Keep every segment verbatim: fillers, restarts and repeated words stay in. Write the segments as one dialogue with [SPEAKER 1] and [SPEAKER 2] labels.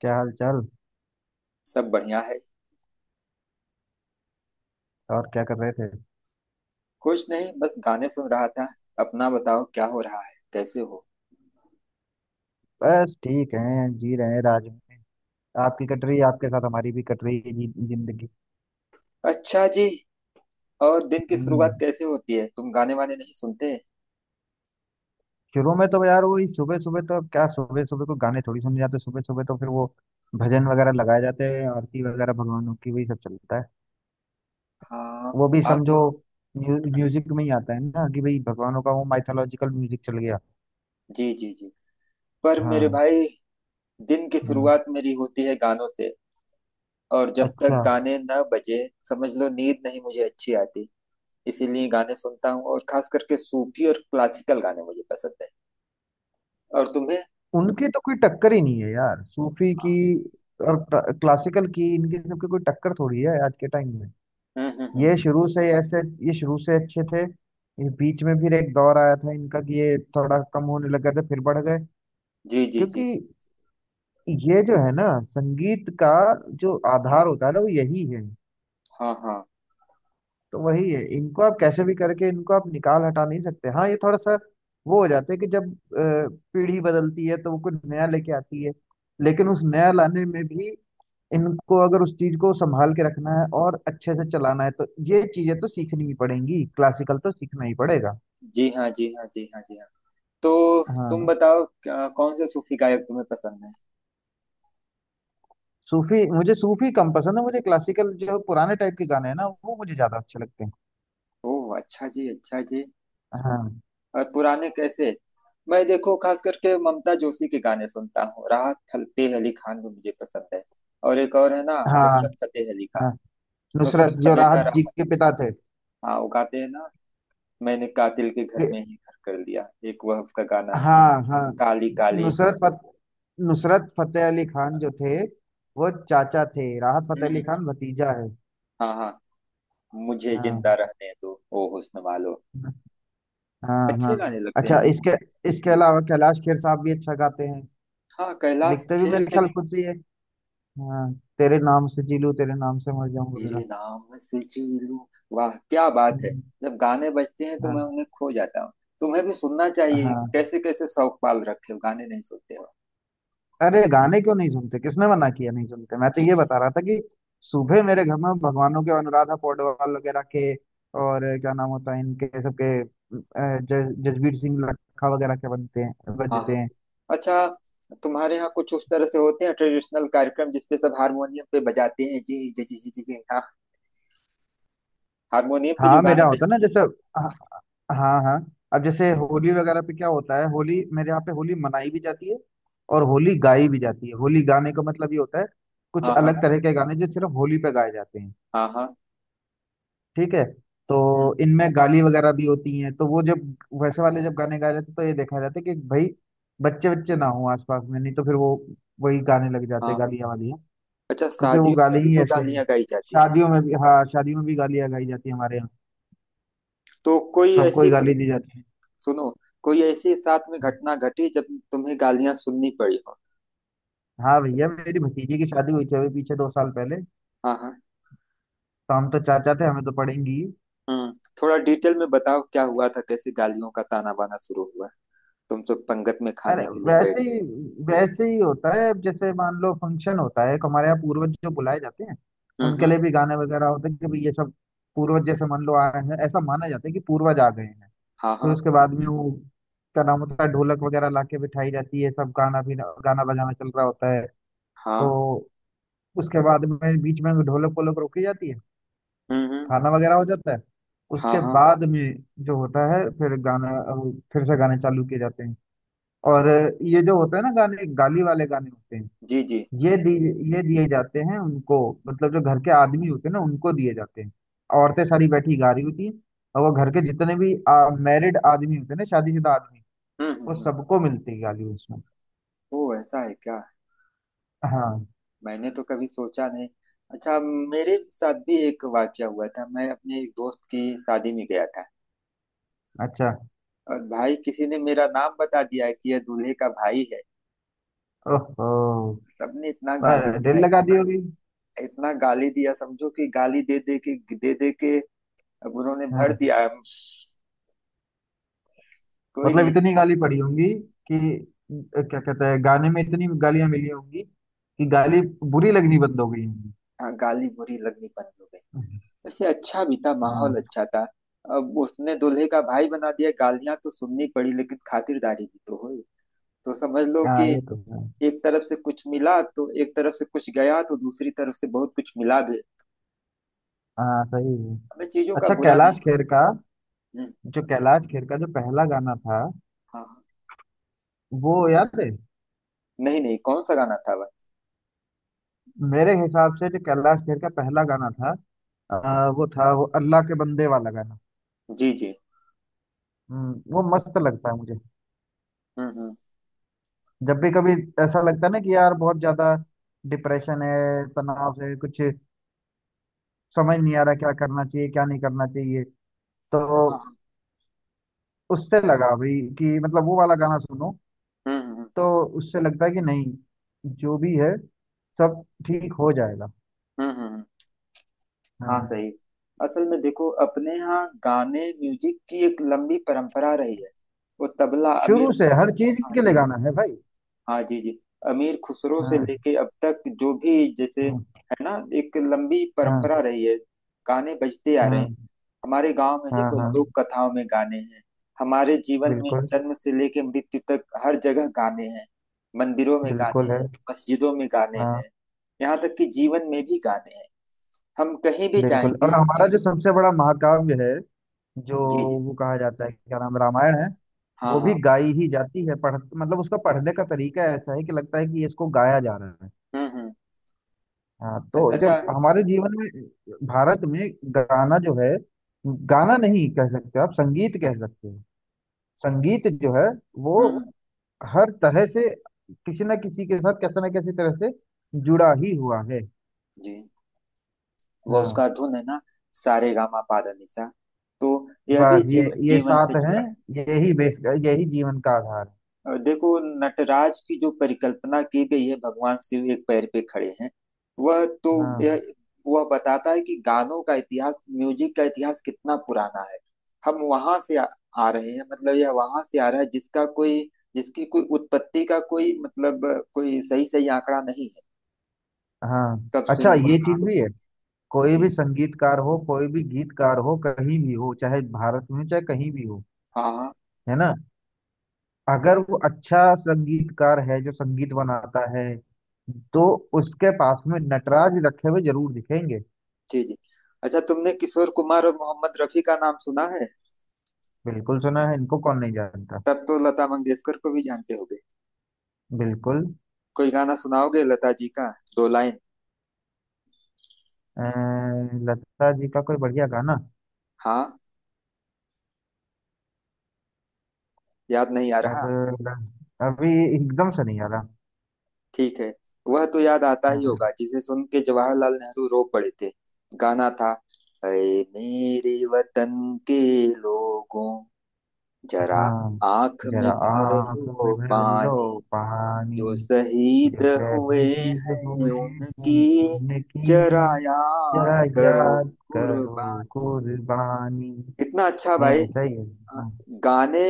[SPEAKER 1] क्या हाल चाल।
[SPEAKER 2] सब बढ़िया है।
[SPEAKER 1] और क्या कर रहे थे।
[SPEAKER 2] कुछ नहीं बस गाने सुन रहा था। अपना बताओ क्या हो रहा है, कैसे हो।
[SPEAKER 1] बस ठीक हैं, जी रहे हैं राज में। आपकी कट रही है, आपके साथ हमारी भी कट रही है जी, जिंदगी।
[SPEAKER 2] अच्छा जी। और दिन की शुरुआत
[SPEAKER 1] हम्म
[SPEAKER 2] कैसे होती है, तुम गाने वाने नहीं सुनते।
[SPEAKER 1] शुरू में तो यार वही सुबह सुबह, तो अब क्या सुबह सुबह को गाने थोड़ी सुने जाते हैं। सुबह सुबह तो फिर वो भजन वगैरह लगाए जाते हैं, आरती वगैरह भगवानों की, वही सब चलता है।
[SPEAKER 2] हाँ
[SPEAKER 1] वो भी
[SPEAKER 2] बात
[SPEAKER 1] समझो
[SPEAKER 2] तो।
[SPEAKER 1] म्यू, म्यूजिक में ही आता है ना कि भाई, भगवानों का वो माइथोलॉजिकल म्यूजिक, चल गया।
[SPEAKER 2] जी जी जी। पर मेरे
[SPEAKER 1] हाँ
[SPEAKER 2] भाई दिन की
[SPEAKER 1] हाँ,
[SPEAKER 2] शुरुआत मेरी होती है गानों से। और जब
[SPEAKER 1] अच्छा।
[SPEAKER 2] तक गाने न बजे समझ लो नींद नहीं मुझे अच्छी आती। इसीलिए गाने सुनता हूँ, और खास करके सूफी और क्लासिकल गाने मुझे पसंद है। और तुम्हें?
[SPEAKER 1] उनकी तो कोई टक्कर ही नहीं है यार, सूफी की
[SPEAKER 2] हाँ।
[SPEAKER 1] और क्लासिकल की, इनकी सबकी कोई टक्कर थोड़ी है आज के टाइम में।
[SPEAKER 2] हम्म हम्म हम्म।
[SPEAKER 1] ये शुरू से ऐसे ये शुरू से अच्छे थे। ये बीच में फिर एक दौर आया था इनका कि ये थोड़ा कम होने लगा था, फिर बढ़ गए।
[SPEAKER 2] जी जी जी।
[SPEAKER 1] क्योंकि ये जो है ना संगीत का जो आधार होता है ना, वो यही है।
[SPEAKER 2] हाँ हाँ।
[SPEAKER 1] तो वही है, इनको आप कैसे भी करके इनको आप निकाल हटा नहीं सकते। हाँ, ये थोड़ा सा वो हो जाता है कि जब अ, पीढ़ी बदलती है तो वो कुछ नया लेके आती है, लेकिन उस नया लाने में भी इनको, अगर उस चीज को संभाल के रखना है और अच्छे से चलाना है, तो ये चीजें तो सीखनी ही पड़ेंगी, क्लासिकल तो सीखना ही पड़ेगा।
[SPEAKER 2] जी हाँ जी हाँ जी हाँ जी हाँ। तो तुम
[SPEAKER 1] हाँ।
[SPEAKER 2] बताओ क्या- कौन से सूफी गायक तुम्हें पसंद है।
[SPEAKER 1] सूफी मुझे सूफी कम पसंद है, मुझे क्लासिकल जो पुराने टाइप के गाने हैं ना वो मुझे ज्यादा अच्छे लगते हैं।
[SPEAKER 2] ओह अच्छा जी, अच्छा जी।
[SPEAKER 1] हाँ
[SPEAKER 2] और पुराने कैसे? मैं देखो खास करके ममता जोशी के गाने सुनता हूँ। राहत फतेह अली खान भी मुझे पसंद है। और एक और है ना,
[SPEAKER 1] हाँ।
[SPEAKER 2] नुसरत फतेह अली खान।
[SPEAKER 1] हाँ, नुसरत
[SPEAKER 2] नुसरत का
[SPEAKER 1] जो
[SPEAKER 2] बेटा
[SPEAKER 1] राहत जी
[SPEAKER 2] राहत।
[SPEAKER 1] के पिता थे।
[SPEAKER 2] हाँ वो गाते हैं ना। मैंने कातिल के घर
[SPEAKER 1] फिर-
[SPEAKER 2] में ही घर कर दिया, एक वह उसका गाना है।
[SPEAKER 1] हाँ हाँ।
[SPEAKER 2] काली काली।
[SPEAKER 1] नुसरत फत, नुसरत फतेह अली खान जो थे वो चाचा थे, राहत
[SPEAKER 2] हम्म
[SPEAKER 1] फतेह अली
[SPEAKER 2] हम्म,
[SPEAKER 1] खान भतीजा है।
[SPEAKER 2] हाँ हाँ। मुझे जिंदा
[SPEAKER 1] हाँ
[SPEAKER 2] रहने दो ओ हुस्न वालो।
[SPEAKER 1] हाँ हाँ।
[SPEAKER 2] अच्छे गाने लगते
[SPEAKER 1] अच्छा,
[SPEAKER 2] हैं
[SPEAKER 1] तो
[SPEAKER 2] जी।
[SPEAKER 1] इसके इसके अलावा कैलाश खेर साहब भी अच्छा गाते हैं।
[SPEAKER 2] हाँ कैलाश
[SPEAKER 1] लिखते भी
[SPEAKER 2] खेर
[SPEAKER 1] मेरे
[SPEAKER 2] के
[SPEAKER 1] ख्याल
[SPEAKER 2] भी।
[SPEAKER 1] खुद से ही है। हाँ। तेरे नाम से जी लूं, तेरे नाम से मर जाऊं
[SPEAKER 2] तेरे
[SPEAKER 1] वगैरह।
[SPEAKER 2] नाम से जी लूं। वाह क्या बात है।
[SPEAKER 1] हम्म,
[SPEAKER 2] जब गाने बजते हैं तो मैं
[SPEAKER 1] हाँ
[SPEAKER 2] उन्हें खो जाता हूँ। तुम्हें भी सुनना चाहिए,
[SPEAKER 1] हाँ।
[SPEAKER 2] कैसे कैसे शौक पाल रखे हो, गाने नहीं सुनते हो।
[SPEAKER 1] अरे गाने क्यों नहीं सुनते, किसने मना किया नहीं सुनते? मैं तो ये बता रहा था कि सुबह मेरे घर में भगवानों के अनुराधा पौडवाल वगैरह के, और क्या नाम होता है इनके सबके, अ, ज- जसबीर सिंह लखा वगैरह के बनते हैं,
[SPEAKER 2] हाँ हाँ।
[SPEAKER 1] बजते हैं।
[SPEAKER 2] अच्छा तुम्हारे यहाँ कुछ उस तरह से होते हैं ट्रेडिशनल कार्यक्रम जिसपे सब हारमोनियम पे बजाते हैं। जी जी जी जी जी जी, हाँ। हारमोनियम पे जो
[SPEAKER 1] हाँ
[SPEAKER 2] गाने
[SPEAKER 1] मेरा होता
[SPEAKER 2] बजते
[SPEAKER 1] ना
[SPEAKER 2] हैं।
[SPEAKER 1] जैसे। हाँ हाँ हाँ। अब जैसे होली वगैरह पे क्या होता है, होली मेरे यहाँ पे होली मनाई भी जाती है और होली गाई भी जाती है। होली गाने का मतलब ये होता है कुछ
[SPEAKER 2] हाँ हाँ
[SPEAKER 1] अलग तरह के गाने जो सिर्फ होली पे गाए जाते हैं।
[SPEAKER 2] हाँ हाँ।
[SPEAKER 1] ठीक है, तो
[SPEAKER 2] हम्म,
[SPEAKER 1] इनमें गाली वगैरह भी होती हैं, तो वो जब वैसे वाले जब गाने गाए जाते हैं तो ये देखा जाता है कि भाई बच्चे बच्चे ना हो आसपास में, नहीं तो फिर वो वही गाने लग जाते
[SPEAKER 2] हाँ
[SPEAKER 1] हैं,
[SPEAKER 2] हाँ।
[SPEAKER 1] गालियाँ वालियाँ।
[SPEAKER 2] अच्छा
[SPEAKER 1] क्योंकि वो
[SPEAKER 2] शादियों में
[SPEAKER 1] गाली
[SPEAKER 2] भी
[SPEAKER 1] ही
[SPEAKER 2] तो
[SPEAKER 1] ऐसे हैं।
[SPEAKER 2] गालियां गाई जाती हैं।
[SPEAKER 1] शादियों में भी, हाँ शादियों में भी गालियाँ गाई जाती है हमारे यहाँ,
[SPEAKER 2] तो कोई
[SPEAKER 1] सबको
[SPEAKER 2] ऐसी,
[SPEAKER 1] ही गाली दी जाती है।
[SPEAKER 2] सुनो, कोई ऐसी साथ में घटना घटी जब तुम्हें गालियां सुननी पड़ी हो।
[SPEAKER 1] हाँ भैया, मेरी भतीजी की शादी हुई थी अभी पीछे दो साल पहले,
[SPEAKER 2] हाँ हाँ।
[SPEAKER 1] तो हम तो चाचा थे, हमें तो पड़ेंगी ही।
[SPEAKER 2] हम्म। थोड़ा डिटेल में बताओ क्या हुआ था, कैसे गालियों का ताना बाना शुरू हुआ। तुम सब पंगत में
[SPEAKER 1] अरे
[SPEAKER 2] खाने के लिए
[SPEAKER 1] वैसे ही
[SPEAKER 2] बैठे।
[SPEAKER 1] वैसे ही होता है। अब जैसे मान लो फंक्शन होता है एक हमारे यहाँ, पूर्वज जो बुलाए जाते हैं
[SPEAKER 2] हम्म
[SPEAKER 1] उनके
[SPEAKER 2] हम्म।
[SPEAKER 1] लिए भी गाने वगैरह होते हैं कि भाई ये सब पूर्वज जैसे मान लो आए हैं, ऐसा माना जाता है कि पूर्वज आ गए हैं।
[SPEAKER 2] हाँ
[SPEAKER 1] फिर
[SPEAKER 2] हाँ
[SPEAKER 1] उसके बाद में वो क्या नाम होता है, ढोलक वगैरह लाके बिठाई जाती है, सब गाना भी, गाना बजाना चल रहा होता है। तो
[SPEAKER 2] हाँ।
[SPEAKER 1] उसके बाद में बीच में ढोलक वोलक रोकी जाती है,
[SPEAKER 2] हम्म हम्म।
[SPEAKER 1] खाना वगैरह हो जाता है।
[SPEAKER 2] हाँ
[SPEAKER 1] उसके
[SPEAKER 2] हाँ।
[SPEAKER 1] बाद में जो होता है, फिर गाना अ, फिर से गाने चालू किए जाते हैं। और अ, ये जो होता है ना गाने, गाली वाले गाने होते हैं,
[SPEAKER 2] जी जी।
[SPEAKER 1] ये दी ये दिए जाते हैं उनको। मतलब जो घर के आदमी होते हैं ना उनको दिए जाते हैं। औरतें सारी बैठी गा रही होती हैं, और वो घर के जितने भी मैरिड आदमी होते हैं ना, शादीशुदा आदमी,
[SPEAKER 2] हम्म हम्म
[SPEAKER 1] वो
[SPEAKER 2] हम्म।
[SPEAKER 1] सबको मिलती है गाली उसमें।
[SPEAKER 2] ओ ऐसा है क्या।
[SPEAKER 1] हाँ।
[SPEAKER 2] मैंने तो कभी सोचा नहीं। अच्छा मेरे साथ भी एक वाकया हुआ था, मैं अपने एक दोस्त की शादी में गया था।
[SPEAKER 1] अच्छा।
[SPEAKER 2] और भाई किसी ने मेरा नाम बता दिया कि यह दूल्हे का भाई है।
[SPEAKER 1] ओहो।
[SPEAKER 2] सबने इतना गाली
[SPEAKER 1] पर
[SPEAKER 2] दिया,
[SPEAKER 1] दिल लगा दी
[SPEAKER 2] इतना
[SPEAKER 1] होगी।
[SPEAKER 2] इतना गाली दिया, समझो कि गाली दे दे के दे दे के अब उन्होंने भर
[SPEAKER 1] हाँ।
[SPEAKER 2] दिया है। कोई
[SPEAKER 1] मतलब
[SPEAKER 2] नहीं।
[SPEAKER 1] इतनी गाली पड़ी होंगी कि अ, क्या कहते हैं, गाने में इतनी गालियां मिली होंगी कि गाली बुरी लगनी बंद हो गई होंगी।
[SPEAKER 2] हाँ गाली बुरी लगनी बंद हो गई। वैसे अच्छा भी था, माहौल
[SPEAKER 1] हाँ
[SPEAKER 2] अच्छा था। अब उसने दूल्हे का भाई बना दिया, गालियां तो सुननी पड़ी लेकिन खातिरदारी भी तो हुई। तो समझ लो कि
[SPEAKER 1] हाँ ये तो है।
[SPEAKER 2] एक तरफ से कुछ मिला तो एक तरफ से कुछ गया तो दूसरी तरफ से बहुत कुछ मिला भी।
[SPEAKER 1] हाँ सही है।
[SPEAKER 2] हमें चीजों का
[SPEAKER 1] अच्छा
[SPEAKER 2] बुरा नहीं
[SPEAKER 1] कैलाश खेर
[SPEAKER 2] माना।
[SPEAKER 1] का,
[SPEAKER 2] हम्म,
[SPEAKER 1] जो कैलाश खेर का जो पहला गाना था,
[SPEAKER 2] हाँ हाँ।
[SPEAKER 1] वो याद है?
[SPEAKER 2] नहीं नहीं कौन सा गाना था वह।
[SPEAKER 1] मेरे हिसाब से जो कैलाश खेर का पहला गाना था अ, वो था, वो अल्लाह के बंदे वाला गाना।
[SPEAKER 2] जी जी।
[SPEAKER 1] हम्म, वो मस्त लगता है मुझे।
[SPEAKER 2] हम्म हम्म।
[SPEAKER 1] जब भी कभी ऐसा लगता है ना कि यार बहुत ज्यादा डिप्रेशन है, तनाव है, कुछ समझ नहीं आ रहा क्या करना चाहिए क्या नहीं करना चाहिए, तो
[SPEAKER 2] हाँ हाँ।
[SPEAKER 1] उससे लगा भाई कि मतलब वो वाला गाना सुनो,
[SPEAKER 2] हम्म हम्म
[SPEAKER 1] तो उससे लगता है कि नहीं, जो भी है सब ठीक हो जाएगा।
[SPEAKER 2] हम्म। हम्म हम्म। हाँ
[SPEAKER 1] हाँ,
[SPEAKER 2] सही। असल में देखो अपने यहाँ गाने म्यूजिक की एक लंबी परंपरा रही है। वो तबला,
[SPEAKER 1] शुरू
[SPEAKER 2] अमीर
[SPEAKER 1] से
[SPEAKER 2] खुस
[SPEAKER 1] हर चीज
[SPEAKER 2] हाँ
[SPEAKER 1] के लिए
[SPEAKER 2] जी।
[SPEAKER 1] गाना है भाई।
[SPEAKER 2] हाँ जी जी। अमीर खुसरो से
[SPEAKER 1] हाँ
[SPEAKER 2] लेके अब तक जो भी जैसे,
[SPEAKER 1] हाँ।
[SPEAKER 2] है ना, एक लंबी परंपरा
[SPEAKER 1] हाँ
[SPEAKER 2] रही है। गाने बजते आ रहे
[SPEAKER 1] हाँ।
[SPEAKER 2] हैं। हमारे गांव में
[SPEAKER 1] हाँ
[SPEAKER 2] देखो
[SPEAKER 1] हाँ।
[SPEAKER 2] लोक कथाओं में गाने हैं। हमारे जीवन में
[SPEAKER 1] बिल्कुल।
[SPEAKER 2] जन्म से लेके मृत्यु तक हर जगह गाने हैं। मंदिरों में गाने
[SPEAKER 1] बिल्कुल
[SPEAKER 2] हैं।
[SPEAKER 1] है।
[SPEAKER 2] मस्जिदों में गाने
[SPEAKER 1] हाँ।
[SPEAKER 2] हैं। यहाँ तक कि जीवन में भी गाने हैं। हम कहीं भी
[SPEAKER 1] बिल्कुल। और
[SPEAKER 2] जाएंगे।
[SPEAKER 1] हमारा जो सबसे बड़ा महाकाव्य है जो,
[SPEAKER 2] जी जी।
[SPEAKER 1] वो कहा जाता है क्या नाम है, रामायण है।
[SPEAKER 2] हाँ
[SPEAKER 1] वो भी
[SPEAKER 2] हाँ।
[SPEAKER 1] गाई ही जाती है, पढ़ मतलब उसका पढ़ने का तरीका ऐसा है कि लगता है कि इसको गाया जा रहा है।
[SPEAKER 2] हम्म हम्म।
[SPEAKER 1] हाँ, तो
[SPEAKER 2] अच्छा।
[SPEAKER 1] जब
[SPEAKER 2] हम्म
[SPEAKER 1] हमारे जीवन में, भारत में, गाना जो है, गाना नहीं कह सकते आप, संगीत कह सकते हो, संगीत जो है वो
[SPEAKER 2] हम्म,
[SPEAKER 1] हर तरह से किसी न किसी के साथ कैसे न कैसे तरह से जुड़ा ही हुआ है।
[SPEAKER 2] जी। वो
[SPEAKER 1] हाँ,
[SPEAKER 2] उसका धुन है ना। सारे गामा पा धा नि सा। तो यह भी
[SPEAKER 1] बस ये
[SPEAKER 2] जीव,
[SPEAKER 1] ये
[SPEAKER 2] जीवन से
[SPEAKER 1] साथ हैं,
[SPEAKER 2] जुड़ा है।
[SPEAKER 1] यही बेस, यही जीवन का आधार है।
[SPEAKER 2] और देखो नटराज की जो परिकल्पना की गई है, भगवान शिव एक पैर पे खड़े हैं। वह तो,
[SPEAKER 1] हाँ।
[SPEAKER 2] यह वह बताता है कि गानों का इतिहास, म्यूजिक का इतिहास कितना पुराना है। हम वहां से आ, आ रहे हैं, मतलब यह वहां से आ रहा है जिसका कोई, जिसकी कोई उत्पत्ति का कोई मतलब, कोई सही सही आंकड़ा नहीं है।
[SPEAKER 1] हाँ।
[SPEAKER 2] कब
[SPEAKER 1] अच्छा,
[SPEAKER 2] शुरू हुआ,
[SPEAKER 1] ये
[SPEAKER 2] कहाँ
[SPEAKER 1] चीज भी है,
[SPEAKER 2] से।
[SPEAKER 1] कोई
[SPEAKER 2] जी।
[SPEAKER 1] भी संगीतकार हो, कोई भी गीतकार हो, कहीं भी हो, चाहे भारत में चाहे कहीं भी हो,
[SPEAKER 2] हाँ हाँ।
[SPEAKER 1] है ना, अगर वो अच्छा संगीतकार है जो संगीत बनाता है, तो उसके पास में नटराज रखे हुए जरूर दिखेंगे।
[SPEAKER 2] जी जी। अच्छा तुमने किशोर कुमार और मोहम्मद रफी का नाम सुना है।
[SPEAKER 1] बिल्कुल सुना है, इनको कौन नहीं जानता।
[SPEAKER 2] तब तो लता मंगेशकर को भी जानते होगे।
[SPEAKER 1] बिल्कुल।
[SPEAKER 2] कोई गाना सुनाओगे लता जी का, दो लाइन।
[SPEAKER 1] अ, लता जी का कोई बढ़िया गाना,
[SPEAKER 2] हाँ। याद नहीं आ
[SPEAKER 1] अब
[SPEAKER 2] रहा।
[SPEAKER 1] अभी एकदम से नहीं आ रहा।
[SPEAKER 2] ठीक है। वह तो याद आता ही होगा
[SPEAKER 1] अ,
[SPEAKER 2] जिसे सुन के जवाहरलाल नेहरू रो पड़े थे। गाना था, ऐ मेरे वतन के लोगों, जरा
[SPEAKER 1] हाँ।
[SPEAKER 2] आंख में
[SPEAKER 1] जरा
[SPEAKER 2] भर
[SPEAKER 1] आंखों
[SPEAKER 2] लो
[SPEAKER 1] में भर लो
[SPEAKER 2] पानी,
[SPEAKER 1] पानी।
[SPEAKER 2] जो शहीद
[SPEAKER 1] जो
[SPEAKER 2] हुए
[SPEAKER 1] शहीद
[SPEAKER 2] हैं
[SPEAKER 1] हुए हैं
[SPEAKER 2] उनकी
[SPEAKER 1] उनकी
[SPEAKER 2] जरा
[SPEAKER 1] जरा
[SPEAKER 2] याद करो
[SPEAKER 1] याद करो
[SPEAKER 2] कुर्बान।
[SPEAKER 1] कुर्बानी।
[SPEAKER 2] कितना अच्छा भाई।
[SPEAKER 1] हम्म सही है।
[SPEAKER 2] अ,
[SPEAKER 1] हाँ
[SPEAKER 2] गाने,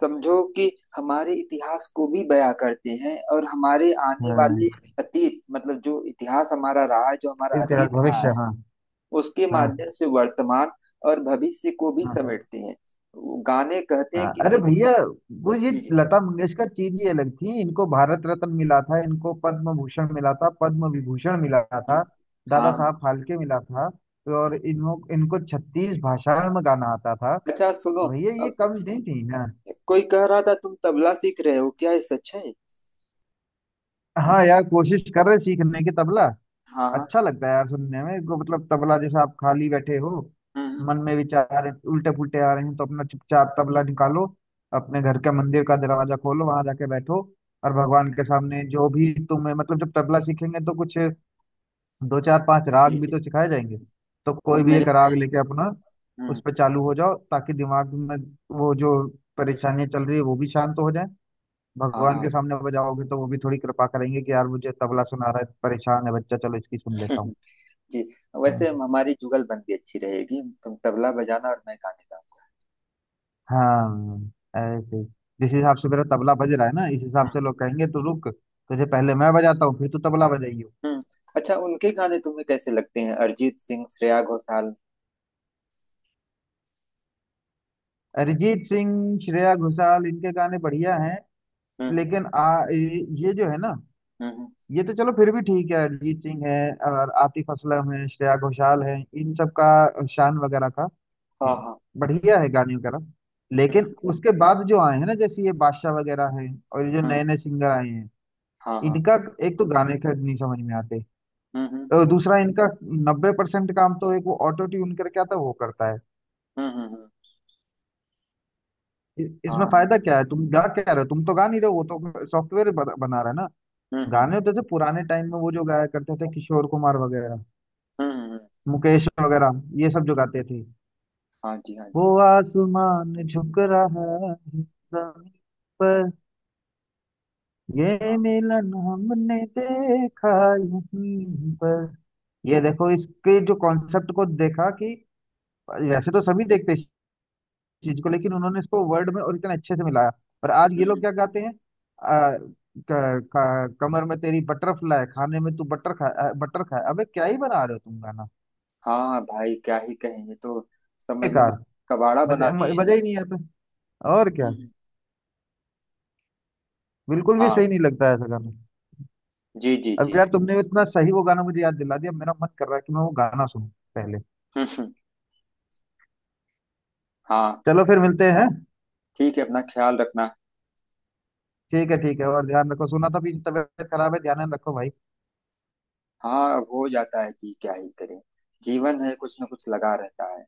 [SPEAKER 2] समझो कि हमारे इतिहास को भी बयां करते हैं, और हमारे आने वाले
[SPEAKER 1] हाँ,
[SPEAKER 2] अतीत, मतलब जो इतिहास हमारा रहा है, जो हमारा
[SPEAKER 1] इसके साथ
[SPEAKER 2] अतीत रहा
[SPEAKER 1] भविष्य,
[SPEAKER 2] है
[SPEAKER 1] हाँ।
[SPEAKER 2] उसके
[SPEAKER 1] हाँ
[SPEAKER 2] माध्यम से वर्तमान और भविष्य को भी
[SPEAKER 1] हाँ।
[SPEAKER 2] समेटते हैं। वो गाने कहते हैं
[SPEAKER 1] हाँ।
[SPEAKER 2] कि
[SPEAKER 1] अरे
[SPEAKER 2] देखो।
[SPEAKER 1] भैया, वो ये
[SPEAKER 2] जी जी
[SPEAKER 1] लता मंगेशकर चीज ही अलग थी। इनको भारत रत्न मिला था, इनको पद्म भूषण मिला था, पद्म विभूषण मिला
[SPEAKER 2] जी।
[SPEAKER 1] था, दादा
[SPEAKER 2] हाँ।
[SPEAKER 1] साहब फाल्के मिला था, तो और इनको, इनको छत्तीस भाषाओं में गाना आता था,
[SPEAKER 2] अच्छा सुनो,
[SPEAKER 1] तो भैया ये कम नहीं थी ना।
[SPEAKER 2] कोई कह रहा था तुम तबला सीख रहे हो क्या, ये सच है?
[SPEAKER 1] हाँ यार, कोशिश कर रहे सीखने की तबला।
[SPEAKER 2] हाँ हाँ।
[SPEAKER 1] अच्छा लगता है यार सुनने में को, मतलब तबला, जैसा आप खाली बैठे हो,
[SPEAKER 2] हम्म हम्म।
[SPEAKER 1] मन में विचार उल्टे पुल्टे आ रहे हैं, तो अपना चुपचाप तबला निकालो, अपने घर के मंदिर का दरवाजा खोलो, वहां जाके बैठो, और भगवान के सामने जो भी तुम्हें, मतलब जब तबला सीखेंगे तो कुछ दो चार पांच
[SPEAKER 2] जी
[SPEAKER 1] राग भी
[SPEAKER 2] जी।
[SPEAKER 1] तो सिखाए जाएंगे, तो
[SPEAKER 2] अब
[SPEAKER 1] कोई भी
[SPEAKER 2] मेरे
[SPEAKER 1] एक
[SPEAKER 2] भाई।
[SPEAKER 1] राग लेके अपना
[SPEAKER 2] हम्म।
[SPEAKER 1] उस पर चालू हो जाओ, ताकि दिमाग में वो जो परेशानियां चल रही है वो भी शांत हो जाए।
[SPEAKER 2] हाँ
[SPEAKER 1] भगवान
[SPEAKER 2] हाँ।
[SPEAKER 1] के सामने बजाओगे तो वो भी थोड़ी कृपा करेंगे कि यार मुझे तबला सुना रहा है, परेशान है बच्चा, चलो इसकी सुन लेता
[SPEAKER 2] हम्म,
[SPEAKER 1] हूँ।
[SPEAKER 2] जी। वैसे
[SPEAKER 1] हाँ।
[SPEAKER 2] हमारी जुगलबंदी अच्छी रहेगी, तुम तबला बजाना और मैं गाने गाऊंगा।
[SPEAKER 1] हाँ ऐसे ही। जिस हिसाब से मेरा तबला बज रहा है ना, इस हिसाब से
[SPEAKER 2] हम्म
[SPEAKER 1] लोग कहेंगे तू रुक, तुझे पहले मैं बजाता हूँ, फिर तू तबला बजाइयो।
[SPEAKER 2] हम्म। अच्छा उनके गाने तुम्हें कैसे लगते हैं, अरिजीत सिंह, श्रेया घोषाल।
[SPEAKER 1] अरिजीत सिंह, श्रेया घोषाल, इनके गाने बढ़िया हैं,
[SPEAKER 2] हम्म
[SPEAKER 1] लेकिन आ ये ये जो है ना,
[SPEAKER 2] हम्म हम्म।
[SPEAKER 1] ये तो चलो फिर भी ठीक है, अरिजीत सिंह है और आतिफ असलम है, श्रेया घोषाल है, इन सब का, शान वगैरह का
[SPEAKER 2] हाँ हाँ।
[SPEAKER 1] बढ़िया है गाने वगैरह। लेकिन उसके बाद जो आए हैं ना, जैसे ये बादशाह वगैरह हैं, और ये जो
[SPEAKER 2] हम्म।
[SPEAKER 1] नए नए सिंगर आए हैं,
[SPEAKER 2] हाँ हाँ।
[SPEAKER 1] इनका एक तो गाने का नहीं समझ में आते,
[SPEAKER 2] हम्म हम्म
[SPEAKER 1] अ, दूसरा इनका नब्बे परसेंट काम तो एक वो ऑटो ट्यून करके आता है वो करता है।
[SPEAKER 2] हम्म हम्म, हम्म।
[SPEAKER 1] इ- इसमें
[SPEAKER 2] हाँ।
[SPEAKER 1] फायदा क्या है, तुम गा क्या रहे हो, तुम तो गा नहीं रहे हो, वो तो सॉफ्टवेयर बना रहा है ना।
[SPEAKER 2] हम्म हम्म हम्म,
[SPEAKER 1] गाने होते थे पुराने टाइम में, वो जो गाया करते थे किशोर कुमार वगैरह,
[SPEAKER 2] हम्म, हम्म, हम्म।
[SPEAKER 1] मुकेश वगैरह, ये सब जो गाते थे,
[SPEAKER 2] हाँ जी हाँ
[SPEAKER 1] वो
[SPEAKER 2] जी
[SPEAKER 1] आसमान झुक रहा है जमीन पर, ये
[SPEAKER 2] हाँ।
[SPEAKER 1] मिलन हमने देखा यहीं पर। ये देखो, इसके जो कॉन्सेप्ट को देखा कि वैसे तो सभी देखते चीज को, लेकिन उन्होंने इसको वर्ड में और इतने अच्छे से मिलाया। पर आज ये
[SPEAKER 2] हम्म
[SPEAKER 1] लोग
[SPEAKER 2] हम्म।
[SPEAKER 1] क्या गाते हैं, आ, क, क, कमर में तेरी बटरफ्लाई, खाने में तू बटर खा, अ, बटर खा, अबे क्या ही बना रहे हो तुम गाना,
[SPEAKER 2] हाँ भाई क्या ही कहें, ये तो समझ लो
[SPEAKER 1] बेकार।
[SPEAKER 2] कबाड़ा
[SPEAKER 1] मजा
[SPEAKER 2] बना
[SPEAKER 1] म-
[SPEAKER 2] दिए।
[SPEAKER 1] मजा ही नहीं आता और क्या,
[SPEAKER 2] हम्म,
[SPEAKER 1] बिल्कुल भी
[SPEAKER 2] हाँ।
[SPEAKER 1] सही नहीं लगता है ऐसा गाना।
[SPEAKER 2] जी जी
[SPEAKER 1] अब
[SPEAKER 2] जी।
[SPEAKER 1] यार तुमने इतना सही वो गाना मुझे याद दिला दिया, मेरा मन कर रहा है कि मैं वो गाना सुनूं पहले,
[SPEAKER 2] हम्म, हम्म, हाँ।
[SPEAKER 1] चलो फिर मिलते हैं।
[SPEAKER 2] ठीक है अपना ख्याल रखना।
[SPEAKER 1] ठीक है ठीक है, और ध्यान रखो, सुना था भी तबीयत खराब है, ध्यान रखो भाई।
[SPEAKER 2] हाँ अब हो जाता है जी, क्या ही करें। जीवन है, कुछ ना कुछ लगा रहता है।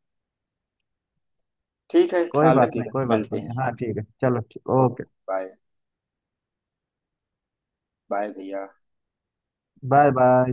[SPEAKER 2] ठीक है,
[SPEAKER 1] कोई
[SPEAKER 2] ख्याल
[SPEAKER 1] बात नहीं
[SPEAKER 2] रखिएगा,
[SPEAKER 1] कोई बात
[SPEAKER 2] मिलते
[SPEAKER 1] नहीं,
[SPEAKER 2] हैं।
[SPEAKER 1] हाँ ठीक है, चलो ठीक,
[SPEAKER 2] ओके
[SPEAKER 1] ओके,
[SPEAKER 2] बाय। बाय भैया।
[SPEAKER 1] Bye bye.